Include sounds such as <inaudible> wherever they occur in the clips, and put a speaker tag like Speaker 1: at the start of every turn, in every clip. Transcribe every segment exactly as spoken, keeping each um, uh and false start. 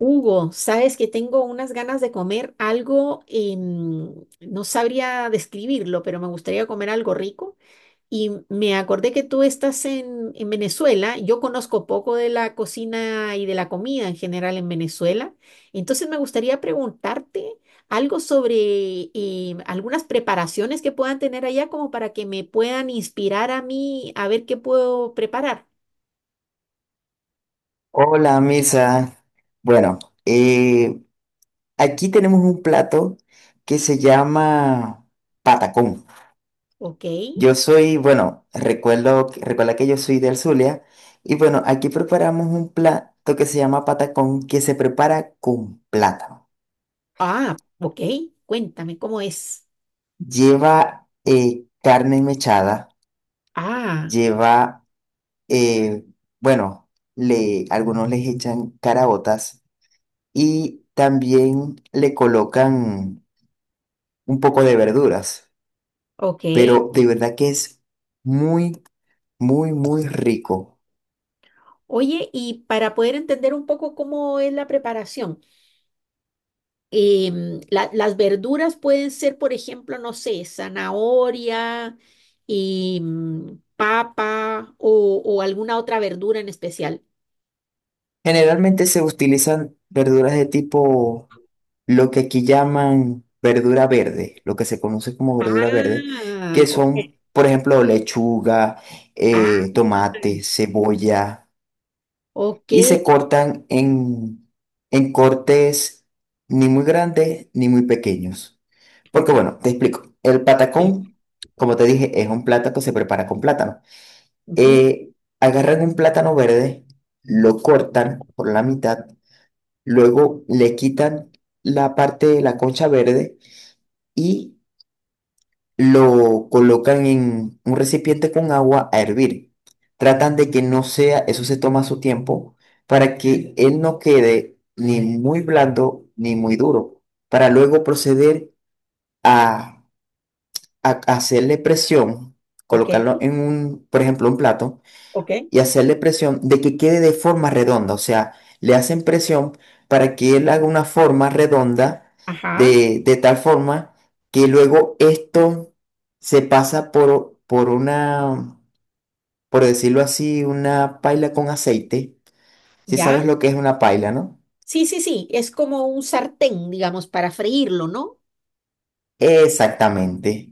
Speaker 1: Hugo, sabes que tengo unas ganas de comer algo, em, no sabría describirlo, pero me gustaría comer algo rico. Y me acordé que tú estás en, en Venezuela. Yo conozco poco de la cocina y de la comida en general en Venezuela. Entonces me gustaría preguntarte algo sobre em, algunas preparaciones que puedan tener allá como para que me puedan inspirar a mí a ver qué puedo preparar.
Speaker 2: Hola, Misa. Bueno, eh, aquí tenemos un plato que se llama patacón.
Speaker 1: ¿Ok?
Speaker 2: Yo soy, bueno, recuerdo, recuerda que yo soy del Zulia y bueno, aquí preparamos un plato que se llama patacón que se prepara con plátano.
Speaker 1: Ah, ok. Cuéntame, ¿cómo es?
Speaker 2: Lleva eh, carne mechada,
Speaker 1: Ah,
Speaker 2: lleva, eh, bueno, le, algunos les echan caraotas y también le colocan un poco de verduras.
Speaker 1: ok.
Speaker 2: Pero de verdad que es muy, muy, muy rico.
Speaker 1: Oye, y para poder entender un poco cómo es la preparación, em, la- las verduras pueden ser, por ejemplo, no sé, zanahoria, y mm, papa o, o alguna otra verdura en especial.
Speaker 2: Generalmente se utilizan verduras de tipo, lo que aquí llaman verdura verde, lo que se conoce como verdura verde,
Speaker 1: Ah,
Speaker 2: que
Speaker 1: ok.
Speaker 2: son, por ejemplo, lechuga,
Speaker 1: Ah,
Speaker 2: eh, tomate, cebolla,
Speaker 1: ok,
Speaker 2: y se cortan en, en cortes ni muy grandes ni muy pequeños. Porque
Speaker 1: ok.
Speaker 2: bueno, te explico, el
Speaker 1: Sí,
Speaker 2: patacón, como te dije, es un plato que se prepara con plátano.
Speaker 1: ujú.
Speaker 2: eh, agarran un plátano verde, lo cortan por la mitad, luego le quitan la parte de la concha verde y lo colocan en un recipiente con agua a hervir. Tratan de que no sea, eso se toma su tiempo, para que él no quede ni muy blando ni muy duro, para luego proceder a, a hacerle presión,
Speaker 1: Ok,
Speaker 2: colocarlo en un, por ejemplo, un plato
Speaker 1: ok.
Speaker 2: y hacerle presión de que quede de forma redonda. O sea, le hacen presión para que él haga una forma redonda
Speaker 1: Ajá,
Speaker 2: de, de tal forma que luego esto se pasa por, por una, por decirlo así, una paila con aceite. Si
Speaker 1: ya.
Speaker 2: sabes lo que es una paila, ¿no?
Speaker 1: Sí, sí, sí. Es como un sartén, digamos, para freírlo, ¿no?
Speaker 2: Exactamente.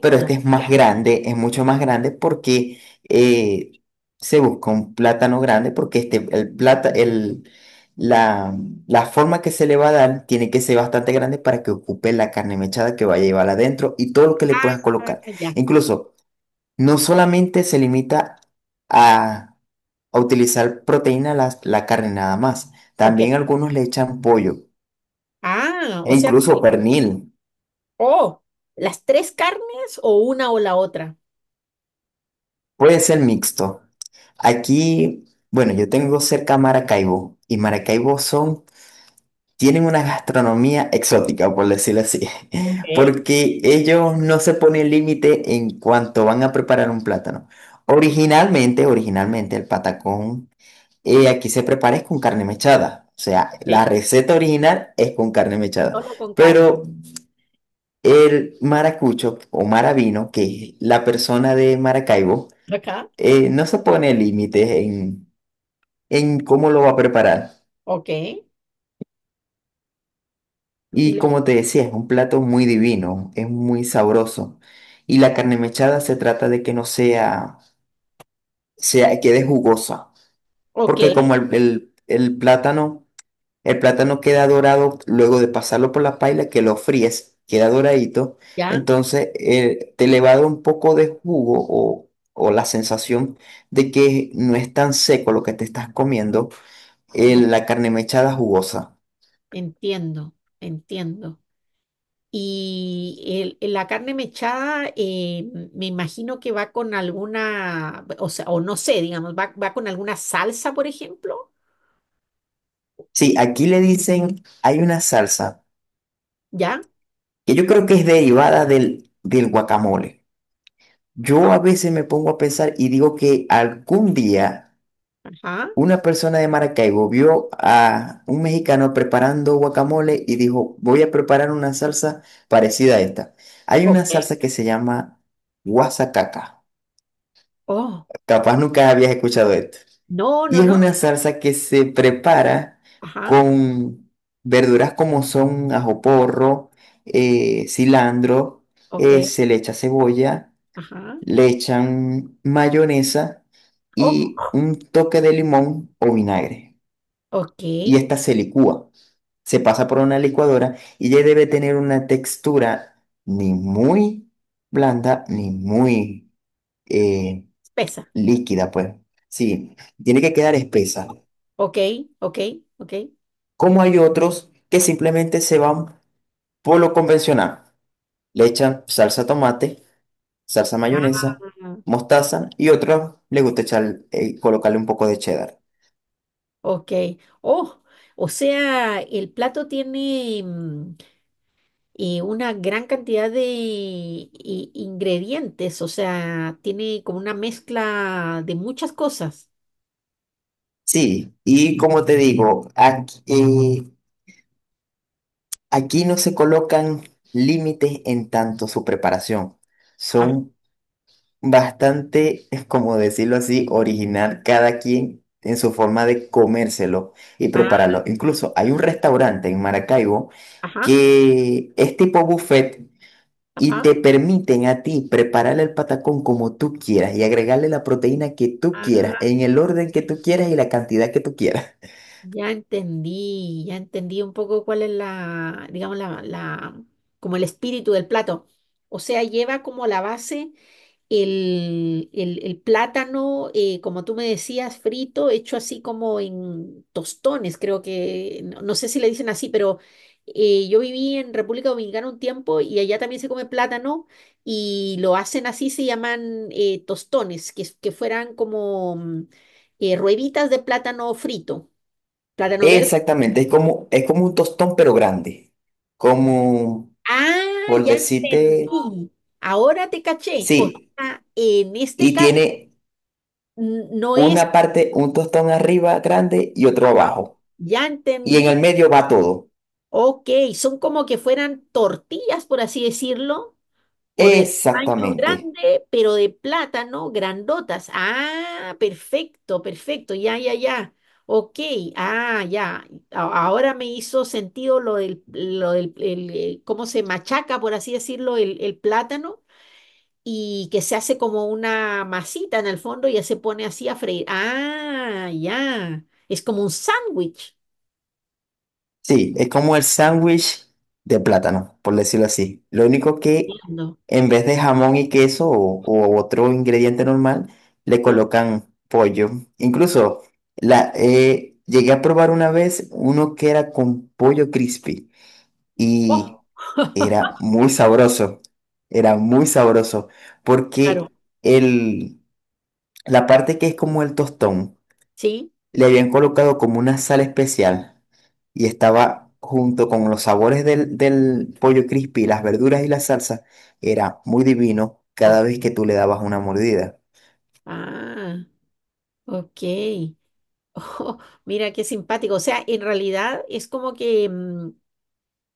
Speaker 2: Pero este es más grande, es mucho más grande porque eh, se busca un plátano grande porque este, el plata, el, la, la forma que se le va a dar tiene que ser bastante grande para que ocupe la carne mechada que vaya a llevar adentro y todo lo que le puedas
Speaker 1: Ah,
Speaker 2: colocar.
Speaker 1: ya.
Speaker 2: Incluso, no solamente se limita a, a utilizar proteína la, la carne nada más,
Speaker 1: Ok.
Speaker 2: también algunos le echan pollo
Speaker 1: Ah,
Speaker 2: e
Speaker 1: o sea,
Speaker 2: incluso pernil.
Speaker 1: oh, ¿las tres carnes o una o la otra?
Speaker 2: Puede ser mixto. Aquí, bueno, yo tengo cerca Maracaibo y Maracaibo son, tienen una gastronomía exótica, por decirlo así,
Speaker 1: Ok,
Speaker 2: <laughs> porque ellos no se ponen límite en cuanto van a preparar un plátano. Originalmente, originalmente el patacón eh, aquí se prepara es con carne mechada, o sea,
Speaker 1: ok.
Speaker 2: la receta original es con carne mechada,
Speaker 1: Solo con carne.
Speaker 2: pero el maracucho o maravino, que es la persona de Maracaibo,
Speaker 1: Acá.
Speaker 2: eh, no se pone límites en en cómo lo va a preparar.
Speaker 1: Ok. Y
Speaker 2: Y
Speaker 1: le-
Speaker 2: como te decía, es un plato muy divino, es muy sabroso. Y la carne mechada se trata de que no sea, sea, quede jugosa,
Speaker 1: ok,
Speaker 2: porque como el, el- el plátano, el plátano queda dorado luego de pasarlo por la paila, que lo fríes, queda doradito,
Speaker 1: ya,
Speaker 2: entonces eh, te le va a dar un poco de jugo o, o la sensación de que no es tan seco lo que te estás comiendo, eh,
Speaker 1: ya.
Speaker 2: la carne mechada jugosa.
Speaker 1: Entiendo, entiendo. Y el- la carne mechada, eh, me imagino que va con alguna, o sea, o no sé, digamos, va, va con alguna salsa, por ejemplo.
Speaker 2: Sí, aquí le dicen, hay una salsa
Speaker 1: ¿Ya?
Speaker 2: que yo creo que es derivada del, del guacamole. Yo
Speaker 1: Ah,
Speaker 2: a veces me pongo a pensar y digo que algún día
Speaker 1: ajá.
Speaker 2: una persona de Maracaibo vio a un mexicano preparando guacamole y dijo, voy a preparar una salsa parecida a esta. Hay una
Speaker 1: Ok.
Speaker 2: salsa que se llama guasacaca.
Speaker 1: Oh,
Speaker 2: Capaz nunca habías escuchado esto.
Speaker 1: no, no,
Speaker 2: Y es
Speaker 1: no.
Speaker 2: una salsa que se prepara
Speaker 1: Ajá.
Speaker 2: con verduras como son ajo porro, eh, cilantro,
Speaker 1: Ok.
Speaker 2: eh, se le echa cebolla,
Speaker 1: Ajá.
Speaker 2: le echan mayonesa y
Speaker 1: Oh.
Speaker 2: un toque de limón o vinagre.
Speaker 1: Ok,
Speaker 2: Y esta se licúa, se pasa por una licuadora y ya debe tener una textura ni muy blanda ni muy eh,
Speaker 1: espesa.
Speaker 2: líquida, pues. Sí, tiene que quedar espesa.
Speaker 1: Ok, ok, ok.
Speaker 2: Como hay otros que simplemente se van por lo convencional. Le echan salsa tomate, salsa mayonesa,
Speaker 1: Ah,
Speaker 2: mostaza y otros le gusta echar, eh, colocarle un poco de cheddar.
Speaker 1: ok. Oh, o sea, el plato tiene mm, eh, una gran cantidad de i- ingredientes, o sea, tiene como una mezcla de muchas cosas.
Speaker 2: Sí, y como te digo, aquí, eh, aquí no se colocan límites en tanto su preparación.
Speaker 1: Ah,
Speaker 2: Son bastante, es como decirlo así, original cada quien en su forma de comérselo y
Speaker 1: ah,
Speaker 2: prepararlo. Incluso hay un restaurante en Maracaibo
Speaker 1: ajá,
Speaker 2: que es tipo buffet y
Speaker 1: ajá.
Speaker 2: te permiten a ti preparar el patacón como tú quieras y agregarle la proteína que tú quieras,
Speaker 1: Ah,
Speaker 2: en el orden que tú quieras y la cantidad que tú quieras. <laughs>
Speaker 1: ya entendí, ya entendí un poco cuál es la, digamos, la, la, como el espíritu del plato. O sea, lleva como la base. El, el- el plátano, eh, como tú me decías, frito, hecho así como en tostones, creo que, no, no sé si le dicen así, pero eh, yo viví en República Dominicana un tiempo y allá también se come plátano y lo hacen así, se llaman eh, tostones, que, es- que fueran como mm, eh, rueditas de plátano frito, plátano verde.
Speaker 2: Exactamente, es como, es como un tostón pero grande, como
Speaker 1: Ah,
Speaker 2: por
Speaker 1: ya
Speaker 2: decirte,
Speaker 1: entendí. Ahora te caché. O
Speaker 2: sí,
Speaker 1: sea, en este
Speaker 2: y
Speaker 1: caso,
Speaker 2: tiene...
Speaker 1: n- no es,
Speaker 2: una parte, un tostón arriba grande y otro abajo.
Speaker 1: ya
Speaker 2: Y en
Speaker 1: entendí.
Speaker 2: el medio va todo.
Speaker 1: Ok, son como que fueran tortillas, por así decirlo, por el tamaño
Speaker 2: Exactamente.
Speaker 1: grande, pero de plátano, grandotas. Ah, perfecto, perfecto, ya, ya, ya. Ok, ah, ya. A- Ahora me hizo sentido lo del, lo del, el, eh, cómo se machaca, por así decirlo, el, el plátano y que se hace como una masita en el fondo y ya se pone así a freír. Ah, ya. Es como un sándwich.
Speaker 2: Sí, es como el sándwich de plátano, por decirlo así. Lo único que
Speaker 1: Entiendo.
Speaker 2: en vez de jamón y queso o, o otro ingrediente normal, le
Speaker 1: Claro.
Speaker 2: colocan pollo. Incluso la, eh, llegué a probar una vez uno que era con pollo crispy y
Speaker 1: Oh,
Speaker 2: era muy sabroso. Era muy sabroso
Speaker 1: claro,
Speaker 2: porque el la parte que es como el tostón,
Speaker 1: sí.
Speaker 2: le habían colocado como una sal especial y estaba junto con los sabores del, del pollo crispy, las verduras y la salsa, era muy divino cada
Speaker 1: O-
Speaker 2: vez que tú le dabas una mordida.
Speaker 1: ah, ok. <laughs> Ojo, mira qué simpático. O sea, en realidad es como que, mm,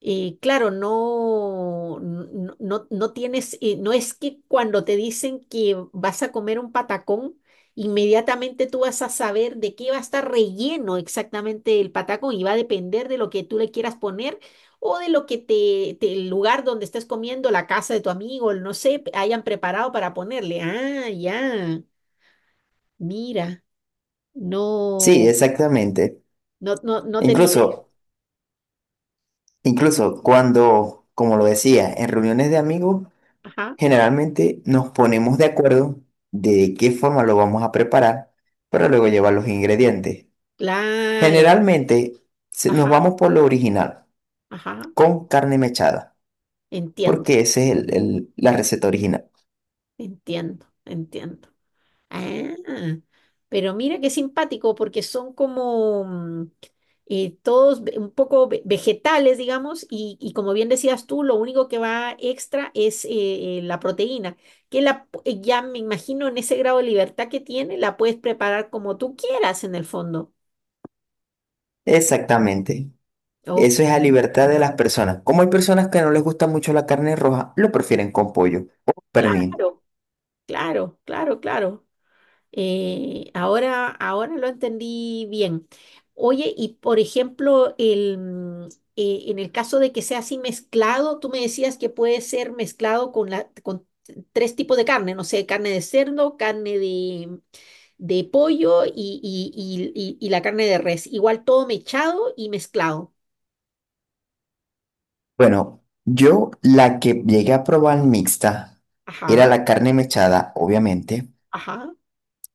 Speaker 1: eh, claro, no, no, no, no tienes, eh, no es que cuando te dicen que vas a comer un patacón, inmediatamente tú vas a saber de qué va a estar relleno exactamente el patacón y va a depender de lo que tú le quieras poner o de lo que te, te- el lugar donde estés comiendo, la casa de tu amigo, el no sé, hayan preparado para ponerle. Ah, ya. Mira.
Speaker 2: Sí,
Speaker 1: No,
Speaker 2: exactamente.
Speaker 1: no, no, no tenía idea.
Speaker 2: Incluso, incluso cuando, como lo decía, en reuniones de amigos,
Speaker 1: Ajá,
Speaker 2: generalmente nos ponemos de acuerdo de qué forma lo vamos a preparar para luego llevar los ingredientes.
Speaker 1: claro.
Speaker 2: Generalmente se- nos
Speaker 1: Ajá,
Speaker 2: vamos por lo original.
Speaker 1: ajá.
Speaker 2: Con carne mechada,
Speaker 1: Entiendo,
Speaker 2: porque esa es el- el- la receta original.
Speaker 1: entiendo, entiendo. Ah, pero mira qué simpático, porque son como mm, eh, todos ve- un poco ve- vegetales, digamos, y, y como bien decías tú, lo único que va extra es eh, eh, la proteína, que la, pu- eh, ya me imagino en ese grado de libertad que tiene, la puedes preparar como tú quieras en el fondo.
Speaker 2: Exactamente.
Speaker 1: Oh,
Speaker 2: Eso es a libertad de las personas. Como hay personas que no les gusta mucho la carne roja, lo prefieren con pollo o pernil.
Speaker 1: claro, claro, claro, claro. Eh, ahora, ahora lo entendí bien. Oye, y por ejemplo, el, mm, eh, en el caso de que sea así mezclado, tú me decías que puede ser mezclado con, la, con tres tipos de carne, no sé, carne de cerdo, carne de, de pollo y, y, y, y- y la carne de res. Igual todo mechado y mezclado.
Speaker 2: Bueno, yo la que llegué a probar mixta era
Speaker 1: Ajá,
Speaker 2: la carne mechada, obviamente.
Speaker 1: ajá,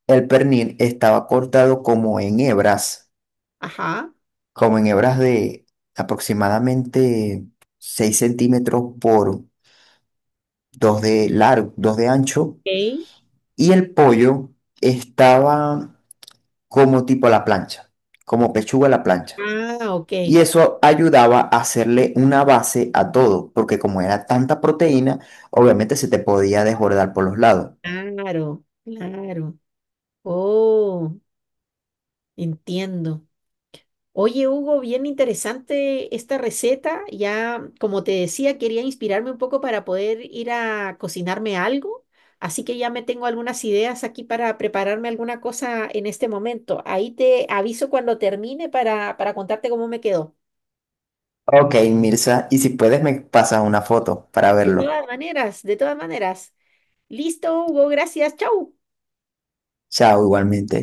Speaker 2: El pernil estaba cortado como en hebras,
Speaker 1: ajá.
Speaker 2: como en hebras de aproximadamente seis centímetros por dos de largo, dos de ancho.
Speaker 1: Ok.
Speaker 2: Y el pollo estaba como tipo a la plancha, como pechuga a la plancha.
Speaker 1: Ah, ok.
Speaker 2: Y eso ayudaba a hacerle una base a todo, porque como era tanta proteína, obviamente se te podía desbordar por los lados.
Speaker 1: Claro, claro. Oh, entiendo. Oye, Hugo, bien interesante esta receta. Ya, como te decía, quería inspirarme un poco para poder ir a cocinarme algo. Así que ya me tengo algunas ideas aquí para prepararme alguna cosa en este momento. Ahí te aviso cuando termine para, para contarte cómo me quedó.
Speaker 2: Ok, Mirza, y si puedes me pasas una foto para
Speaker 1: De
Speaker 2: verlo.
Speaker 1: todas maneras, de todas maneras. Listo, Hugo, gracias. Chau.
Speaker 2: Chao, igualmente.